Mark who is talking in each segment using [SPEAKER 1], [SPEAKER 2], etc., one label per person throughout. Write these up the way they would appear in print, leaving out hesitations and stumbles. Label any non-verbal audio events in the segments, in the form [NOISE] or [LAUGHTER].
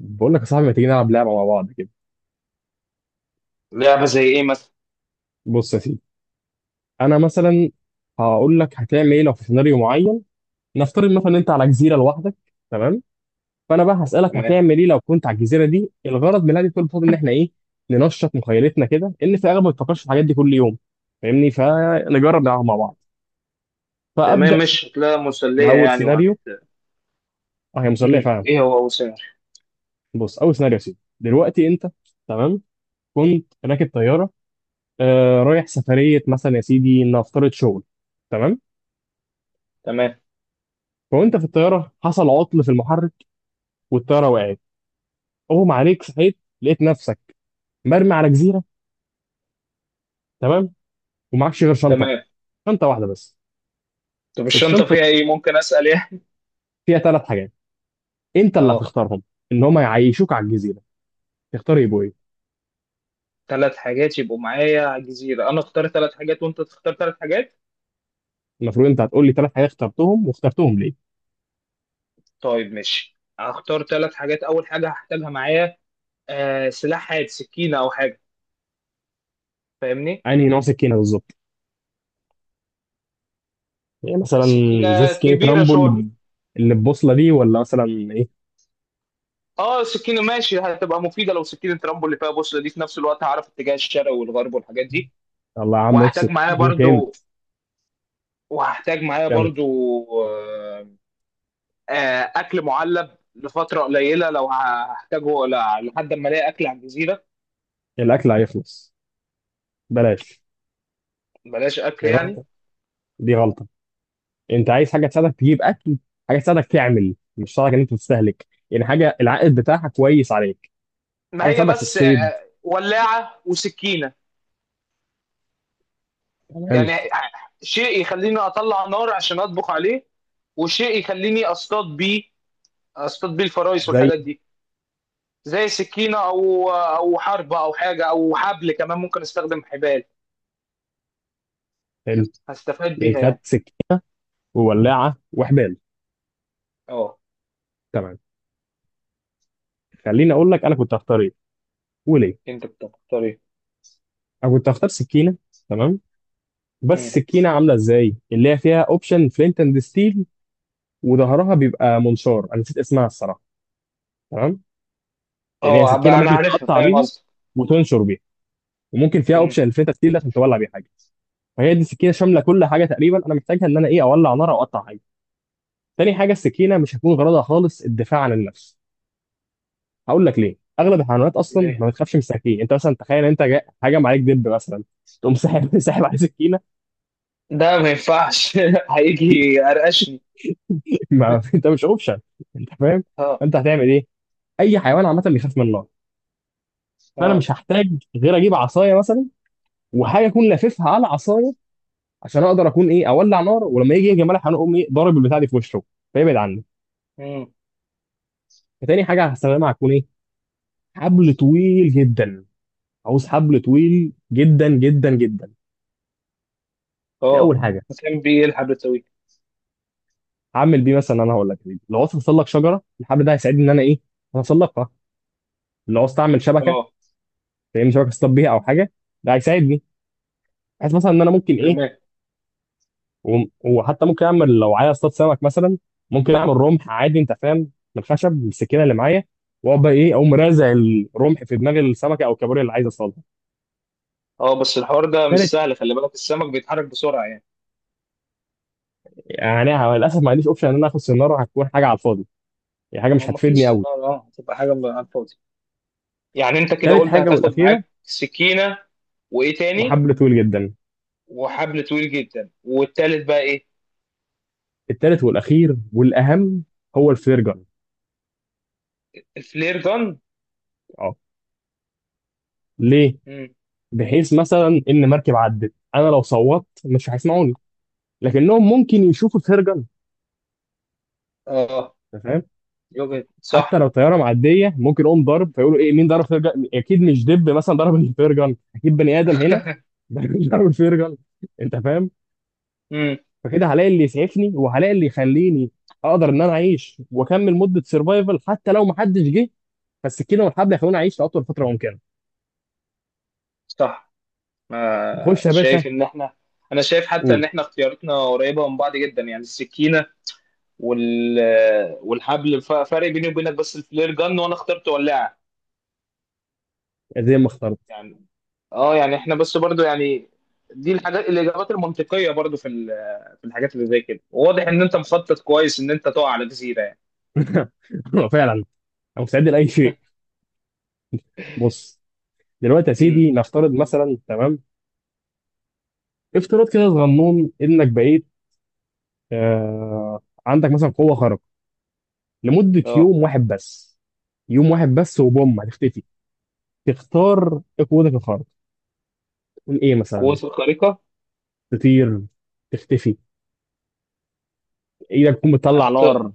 [SPEAKER 1] بقول لك يا صاحبي، ما تيجي نلعب لعبه مع بعض كده؟
[SPEAKER 2] لعبة زي إيه مثلا؟
[SPEAKER 1] بص يا سيدي، انا مثلا هقول لك هتعمل ايه لو في سيناريو معين. نفترض مثلا إن انت على جزيره لوحدك، تمام؟ فانا بقى هسالك
[SPEAKER 2] تمام.
[SPEAKER 1] هتعمل ايه لو كنت على الجزيره دي. الغرض من هذه كل الفضل ان احنا ايه؟ ننشط مخيلتنا كده، ان في اغلب ما بتفكرش في الحاجات دي كل يوم. فاهمني؟ فنجرب نلعب مع بعض.
[SPEAKER 2] تمام،
[SPEAKER 1] فابدا
[SPEAKER 2] مش هتلاقيها مسلية
[SPEAKER 1] باول
[SPEAKER 2] يعني وهت
[SPEAKER 1] سيناريو. اه، هي مسليه فعلا.
[SPEAKER 2] إيه هو أبو سامر؟
[SPEAKER 1] بص، اول سيناريو يا سيدي، دلوقتي انت، تمام، كنت راكب طياره، رايح سفريه مثلا يا سيدي، نفترض شغل، تمام.
[SPEAKER 2] تمام.
[SPEAKER 1] وانت في الطياره حصل عطل في المحرك، والطياره وقعت، اغمى عليك، صحيت لقيت نفسك مرمي على جزيره، تمام. ومعكش غير شنطه،
[SPEAKER 2] تمام،
[SPEAKER 1] شنطه واحده بس.
[SPEAKER 2] طب الشنطة
[SPEAKER 1] الشنطه دي
[SPEAKER 2] فيها إيه؟ ممكن أسأل يعني؟
[SPEAKER 1] فيها ثلاث حاجات، انت اللي
[SPEAKER 2] أه.
[SPEAKER 1] هتختارهم، ان هم يعيشوك على الجزيره. تختار يبقوا ايه؟
[SPEAKER 2] ثلاث حاجات يبقوا معايا على الجزيرة، أنا أختار ثلاث حاجات وأنت تختار ثلاث حاجات؟
[SPEAKER 1] المفروض انت هتقول لي ثلاث حاجات اخترتهم واخترتهم ليه.
[SPEAKER 2] طيب ماشي، هختار ثلاث حاجات. أول حاجة هحتاجها معايا سلاح حاد، سكينة أو حاجة. فاهمني؟
[SPEAKER 1] انهي نوع سكينه بالظبط؟ يعني مثلا زي
[SPEAKER 2] السكينة
[SPEAKER 1] سكينه
[SPEAKER 2] كبيرة
[SPEAKER 1] رامبو
[SPEAKER 2] شوية.
[SPEAKER 1] اللي ببوصله دي، ولا مثلا ايه؟
[SPEAKER 2] اه سكينة ماشي، هتبقى مفيدة لو سكينة رامبو اللي فيها بوصلة دي، في نفس الوقت هعرف اتجاه الشرق والغرب والحاجات دي.
[SPEAKER 1] الله يا عم
[SPEAKER 2] وهحتاج
[SPEAKER 1] افسد
[SPEAKER 2] معايا
[SPEAKER 1] اذا كانت.
[SPEAKER 2] برضو، وهحتاج معايا
[SPEAKER 1] كمل.
[SPEAKER 2] برضو آه، اكل معلب لفتره قليله لو هحتاجه لحد ما الاقي اكل على الجزيره.
[SPEAKER 1] الاكل هيخلص، بلاش.
[SPEAKER 2] بلاش اكل
[SPEAKER 1] دي
[SPEAKER 2] يعني.
[SPEAKER 1] غلطه، دي غلطه. انت عايز حاجه تساعدك تجيب اكل، حاجه تساعدك تعمل، مش تساعدك ان انت تستهلك. يعني حاجه العائد بتاعها كويس عليك،
[SPEAKER 2] ما
[SPEAKER 1] حاجه
[SPEAKER 2] هي
[SPEAKER 1] تساعدك في
[SPEAKER 2] بس
[SPEAKER 1] الصيد،
[SPEAKER 2] ولاعه وسكينه.
[SPEAKER 1] تمام.
[SPEAKER 2] يعني شيء يخليني اطلع نار عشان اطبخ عليه، وشيء يخليني اصطاد بيه، اصطاد بيه الفرايس
[SPEAKER 1] زي
[SPEAKER 2] والحاجات دي. زي سكينه او حربه او حاجه، او حبل كمان ممكن استخدم حبال،
[SPEAKER 1] ال-
[SPEAKER 2] هستفاد
[SPEAKER 1] يعني
[SPEAKER 2] بيها
[SPEAKER 1] خدت
[SPEAKER 2] يعني.
[SPEAKER 1] سكين وولاعه وحبال،
[SPEAKER 2] اه.
[SPEAKER 1] تمام. خليني اقول لك انا كنت هختار ايه وليه.
[SPEAKER 2] انت بتختار ايه؟
[SPEAKER 1] انا كنت هختار سكينه، تمام. بس
[SPEAKER 2] مم.
[SPEAKER 1] السكينه عامله ازاي؟ اللي هي فيها اوبشن فلينت اند ستيل، وظهرها بيبقى منشار، انا نسيت اسمها الصراحه، تمام. يعني هي
[SPEAKER 2] اه
[SPEAKER 1] سكينه
[SPEAKER 2] بقى انا
[SPEAKER 1] ممكن
[SPEAKER 2] عارفها،
[SPEAKER 1] تقطع
[SPEAKER 2] فاهم
[SPEAKER 1] بيها
[SPEAKER 2] قصدي.
[SPEAKER 1] وتنشر بيها، وممكن فيها اوبشن
[SPEAKER 2] مم.
[SPEAKER 1] الفلينت اند ستيل ده عشان تولع بيها حاجه. فهي دي السكينه شامله كل حاجه تقريبا انا محتاجها ان انا ايه، اولع نار او اقطع حاجه. تاني حاجه، السكينه مش هتكون غرضها خالص الدفاع عن النفس. هقول لك ليه. اغلب الحيوانات اصلا ما
[SPEAKER 2] ليه؟
[SPEAKER 1] بتخافش من السكاكين. انت مثلا تخيل انت هجم عليك دب مثلا، تقوم ساحب [LAUGHS] ساحب عليه سكينه؟
[SPEAKER 2] ده ما ينفعش. [LAUGHS] هيجي يقرقشني.
[SPEAKER 1] ما... [LAUGHS] انت مش اوبشن، انت فاهم؟
[SPEAKER 2] اه.
[SPEAKER 1] انت هتعمل ايه؟ اي حيوان عامه بيخاف من النار. فانا
[SPEAKER 2] اه.
[SPEAKER 1] مش هحتاج غير اجيب عصايه مثلا، وحاجه اكون لاففها على عصايه، عشان اقدر اكون ايه، اولع نار. ولما يجي يجي ملح هنقوم ايه، ضارب البتاع دي في وشه فيبعد عني.
[SPEAKER 2] مم.
[SPEAKER 1] فتاني حاجه هستخدمها هتكون ايه، حبل طويل جدا. عاوز حبل طويل جدا جدا جدا. دي
[SPEAKER 2] اه.
[SPEAKER 1] اول حاجه.
[SPEAKER 2] كان بيلحق بتوي.
[SPEAKER 1] هعمل بيه مثلا، انا هقول لك، لو عاوز اوصل لك شجره الحبل ده هيساعدني ان انا ايه، اوصلقها. لو عاوز اعمل شبكه،
[SPEAKER 2] اه.
[SPEAKER 1] فاهمني؟ شبكه اصطاد بيها او حاجه، ده هيساعدني. عايز مثلا ان انا ممكن ايه،
[SPEAKER 2] تمام.
[SPEAKER 1] وحتى ممكن اعمل لو عايز اصطاد سمك مثلا، ممكن اعمل رمح عادي انت فاهم من الخشب بالسكينه اللي معايا. واقعد بقى ايه، اقوم رازع الرمح في دماغ السمكه او الكابوريا اللي عايز اصطادها.
[SPEAKER 2] اه بس الحوار ده
[SPEAKER 1] ثالث،
[SPEAKER 2] مش سهل، خلي بالك السمك بيتحرك بسرعه يعني.
[SPEAKER 1] يعني أنا للاسف ما عنديش اوبشن ان انا اخد سناره، هتكون حاجه على الفاضي. هي حاجه
[SPEAKER 2] ما
[SPEAKER 1] مش
[SPEAKER 2] ما
[SPEAKER 1] هتفيدني
[SPEAKER 2] فيش،
[SPEAKER 1] قوي.
[SPEAKER 2] اه اه هتبقى حاجه على الفاضي يعني. انت كده
[SPEAKER 1] تالت
[SPEAKER 2] قلت
[SPEAKER 1] حاجة
[SPEAKER 2] هتاخد
[SPEAKER 1] والأخيرة
[SPEAKER 2] معاك سكينه، وايه تاني؟
[SPEAKER 1] وحبل طويل جدا.
[SPEAKER 2] وحبل طويل جدا، والتالت بقى ايه؟
[SPEAKER 1] التالت والأخير والأهم هو الفلير جن.
[SPEAKER 2] الفلير جن.
[SPEAKER 1] اه. ليه؟
[SPEAKER 2] مم.
[SPEAKER 1] بحيث مثلا إن مركب عدت، أنا لو صوتت مش هيسمعوني، لكنهم ممكن يشوفوا الفلير جن.
[SPEAKER 2] اه.
[SPEAKER 1] أنت فاهم؟
[SPEAKER 2] يوجد
[SPEAKER 1] حتى
[SPEAKER 2] صح.
[SPEAKER 1] لو طيارة معدية ممكن يقوم ضرب فيقولوا إيه، مين ضرب فلير جن؟ أكيد مش دب مثلا ضرب الفلير جن، أكيد بني آدم هنا.
[SPEAKER 2] [LAUGHS]
[SPEAKER 1] [LAUGHS] ضرب الفلير جن. أنت فاهم؟
[SPEAKER 2] مم.
[SPEAKER 1] فكده هلاقي اللي يسعفني وهلاقي اللي يخليني أقدر إن أنا أعيش وأكمل مدة سرفايفل حتى لو محدش جه. فالسكينة والحبل هيخلوني أعيش لأطول فترة ممكنة.
[SPEAKER 2] صح. ما
[SPEAKER 1] خش يا باشا.
[SPEAKER 2] شايف ان احنا، انا شايف حتى ان
[SPEAKER 1] قول.
[SPEAKER 2] احنا اختياراتنا قريبه من بعض جدا، يعني السكينه وال والحبل، فرق بيني وبينك بس الفلير جن، وانا اخترت ولاعه
[SPEAKER 1] زي ما اخترت.
[SPEAKER 2] يعني. اه يعني احنا بس برضو يعني دي الحاجات، الاجابات المنطقيه برضو في في الحاجات اللي زي كده. واضح ان انت مخطط كويس ان انت تقع على جزيره يعني.
[SPEAKER 1] [LAUGHS] فعلا، انا مستعد لاي شيء.
[SPEAKER 2] [LAUGHS]
[SPEAKER 1] بص، دلوقتي يا
[SPEAKER 2] امم.
[SPEAKER 1] سيدي نفترض مثلا، تمام. افتراض كده صغنون، انك بقيت عندك مثلا قوه خارقه لمده
[SPEAKER 2] اه.
[SPEAKER 1] يوم واحد بس. يوم واحد بس وبوم هتختفي. تختار ايه قوتك الخارقه؟ تكون ايه مثلا؟
[SPEAKER 2] قوات الخارقه.
[SPEAKER 1] تطير، تختفي، ايدك تكون بتطلع
[SPEAKER 2] أخت...
[SPEAKER 1] نار،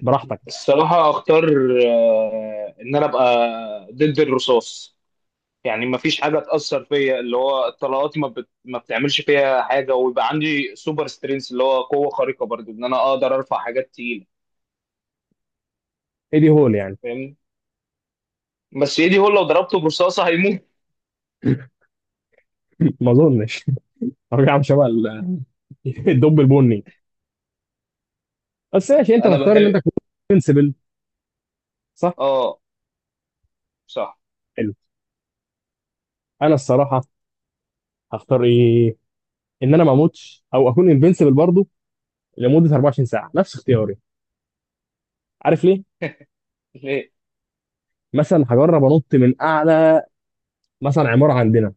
[SPEAKER 1] براحتك.
[SPEAKER 2] الصراحه اختار ان انا ابقى ضد الرصاص. يعني ما فيش حاجه تاثر فيا، اللي هو طلقاتي ما بتعملش فيها حاجه، ويبقى عندي سوبر سترينث، اللي هو قوه خارقه برضو، ان انا اقدر ارفع حاجات تقيله.
[SPEAKER 1] ايه دي، هول يعني؟
[SPEAKER 2] فاهمني. بس ايدي هو لو ضربته برصاصه هيموت.
[SPEAKER 1] [LAUGHS] ما اظنش. ارجع عامل شبه [LAUGHS] الدب البني. بس ماشي، انت
[SPEAKER 2] انا
[SPEAKER 1] تختار ان انت
[SPEAKER 2] بحب.
[SPEAKER 1] تكون انسبل، صح.
[SPEAKER 2] اه. صح.
[SPEAKER 1] انا الصراحه هختار ايه، ان انا ما اموتش او اكون انفنسبل برضه لمده 24 ساعه، نفس اختياري. عارف ليه؟
[SPEAKER 2] ليه؟
[SPEAKER 1] مثلا هجرب انط من اعلى مثلا عماره عندنا،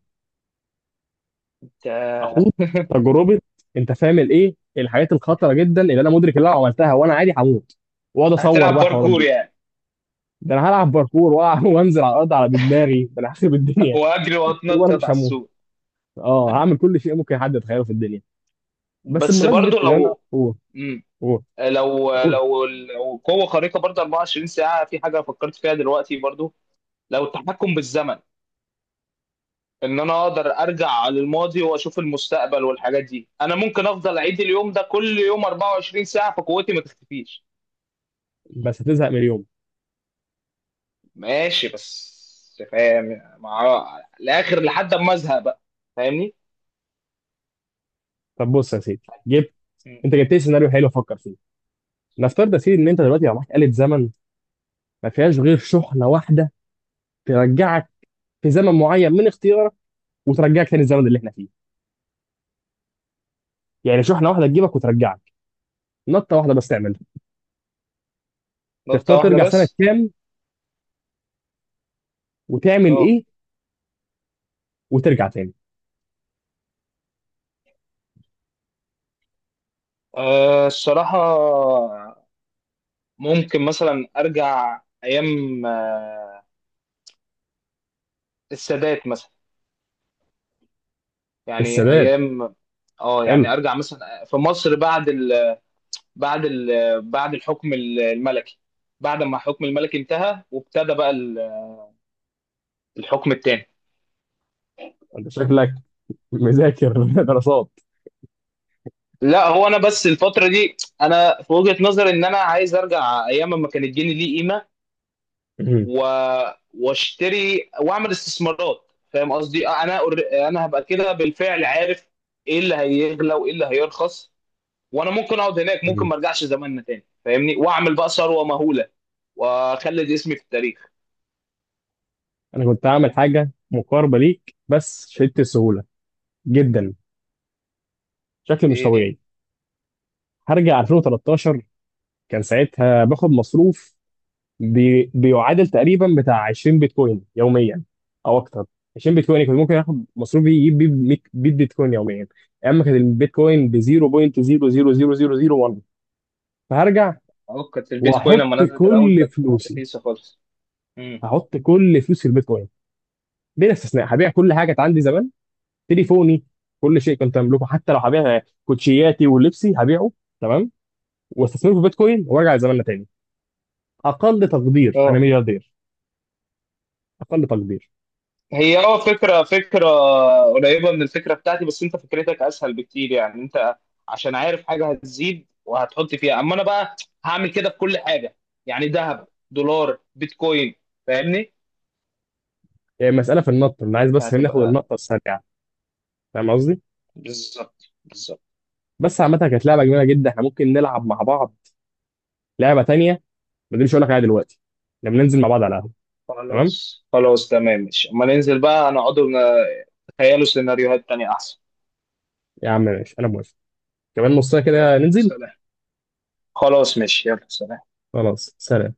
[SPEAKER 2] انت!
[SPEAKER 1] اخوض
[SPEAKER 2] [LAUGHS]
[SPEAKER 1] تجربه. انت فاهم الايه، الحاجات الخطره جدا اللي انا مدرك اللي انا لو عملتها وانا عادي هموت، واقعد اصور
[SPEAKER 2] هتلعب
[SPEAKER 1] بقى الحوارات
[SPEAKER 2] باركور
[SPEAKER 1] دي.
[SPEAKER 2] يعني،
[SPEAKER 1] ده انا هلعب باركور [LAUGHS] وانزل على الارض على بدماغي، ده انا هخرب الدنيا.
[SPEAKER 2] واجري
[SPEAKER 1] [LAUGHS] طول ما انا
[SPEAKER 2] واتنطط
[SPEAKER 1] مش
[SPEAKER 2] على
[SPEAKER 1] هموت،
[SPEAKER 2] السور.
[SPEAKER 1] اه هعمل كل شيء ممكن حد يتخيله في الدنيا. بس
[SPEAKER 2] بس
[SPEAKER 1] بمناسبه
[SPEAKER 2] برضو
[SPEAKER 1] ان انا
[SPEAKER 2] لو،
[SPEAKER 1] قول.
[SPEAKER 2] مم.
[SPEAKER 1] قول.
[SPEAKER 2] لو
[SPEAKER 1] قول.
[SPEAKER 2] لو لو قوه خارقه برضو 24 ساعه، في حاجه فكرت فيها دلوقتي برضو، لو التحكم بالزمن. ان انا اقدر ارجع للماضي واشوف المستقبل والحاجات دي، انا ممكن افضل اعيد اليوم ده كل يوم 24 ساعة فقوتي ما تختفيش.
[SPEAKER 1] بس هتزهق من اليوم.
[SPEAKER 2] ماشي بس، فاهم مع الاخر لحد ما ازهق بقى. فاهمني.
[SPEAKER 1] طب بص يا سيدي، جبت.
[SPEAKER 2] مم.
[SPEAKER 1] انت جبت لي سيناريو حلو افكر فيه. نفترض يا سيدي ان انت دلوقتي يبقى معاك آلة زمن، ما فيهاش غير شحنه واحده، ترجعك في زمن معين من اختيارك، وترجعك تاني الزمن اللي احنا فيه. يعني شحنه واحده تجيبك وترجعك، نطه واحده بس تعملها.
[SPEAKER 2] نقطة
[SPEAKER 1] تختار
[SPEAKER 2] واحدة
[SPEAKER 1] ترجع سنه
[SPEAKER 2] بس.
[SPEAKER 1] كام وتعمل
[SPEAKER 2] اه.
[SPEAKER 1] ايه وترجع تاني؟
[SPEAKER 2] آه، الصراحة ممكن مثلا ارجع ايام السادات مثلا، يعني
[SPEAKER 1] السادات،
[SPEAKER 2] ايام. اه
[SPEAKER 1] حلو.
[SPEAKER 2] يعني ارجع مثلا في مصر بعد، بعد بعد الحكم الملكي، بعد ما الحكم الملكي انتهى وابتدى بقى الحكم التاني.
[SPEAKER 1] انت شكلك مذاكر [LAUGHS] دراسات.
[SPEAKER 2] لا هو انا بس الفتره دي، انا في وجهه نظري ان انا عايز ارجع ايام ما كان الجنيه ليه قيمه
[SPEAKER 1] مم.
[SPEAKER 2] و... واشتري واعمل استثمارات. فاهم قصدي؟ انا هبقى كده بالفعل عارف ايه اللي هيغلى وايه اللي هيرخص، وانا ممكن اقعد هناك، ممكن
[SPEAKER 1] مم.
[SPEAKER 2] ما ارجعش زماننا تاني فاهمني، واعمل بقى ثروه مهوله واخلد اسمي في التاريخ.
[SPEAKER 1] انا كنت هعمل حاجه مقاربه ليك، بس شدت السهوله جدا، شكل مش
[SPEAKER 2] إيه.
[SPEAKER 1] طبيعي. هرجع 2013. كان ساعتها باخد مصروف بيعادل تقريبا بتاع 20 بيتكوين يوميا او اكتر. 20 بيتكوين كنت ممكن اخد مصروفي يجيب بيه 100 بيتكوين يوميا. اما كان البيتكوين ب 0.00001. فهرجع
[SPEAKER 2] اه كانت البيتكوين لما
[SPEAKER 1] واحط
[SPEAKER 2] نزلت الاول
[SPEAKER 1] كل
[SPEAKER 2] كانت
[SPEAKER 1] فلوسي.
[SPEAKER 2] رخيصه خالص. امم.
[SPEAKER 1] هحط كل فلوسي في البيتكوين بلا استثناء، هبيع كل حاجه كانت عندي زمان، تليفوني، كل شيء كنت املكه، حتى لو هبيع كوتشياتي ولبسي هبيعه، تمام. واستثمره في البيتكوين وارجع زماننا تاني. اقل تقدير انا
[SPEAKER 2] اه.
[SPEAKER 1] ملياردير. اقل تقدير.
[SPEAKER 2] هي اه فكره، فكره قريبه من الفكره بتاعتي، بس انت فكرتك اسهل بكتير يعني. انت عشان عارف حاجه هتزيد وهتحط فيها، اما انا بقى هعمل كده في كل حاجه، يعني ذهب، دولار، بيتكوين. فاهمني؟
[SPEAKER 1] يعني مسألة في النط، أنا عايز بس ناخد
[SPEAKER 2] فهتبقى،
[SPEAKER 1] النقطة السريعة. فاهم قصدي؟
[SPEAKER 2] بالظبط بالظبط.
[SPEAKER 1] بس عامة كانت لعبة جميلة جدا، احنا ممكن نلعب مع بعض لعبة تانية. ما دي مش هقول لك عليها دلوقتي، لما ننزل مع بعض على القهوة. تمام؟
[SPEAKER 2] خلاص خلاص تمام ماشي، اما ننزل بقى نقعد نتخيلوا سيناريوهات تانية احسن.
[SPEAKER 1] يا عم ماشي، أنا موافق. كمان نص ساعة
[SPEAKER 2] يلا،
[SPEAKER 1] كده ننزل.
[SPEAKER 2] سلام. خلاص ماشي، يلا سلام.
[SPEAKER 1] خلاص سلام.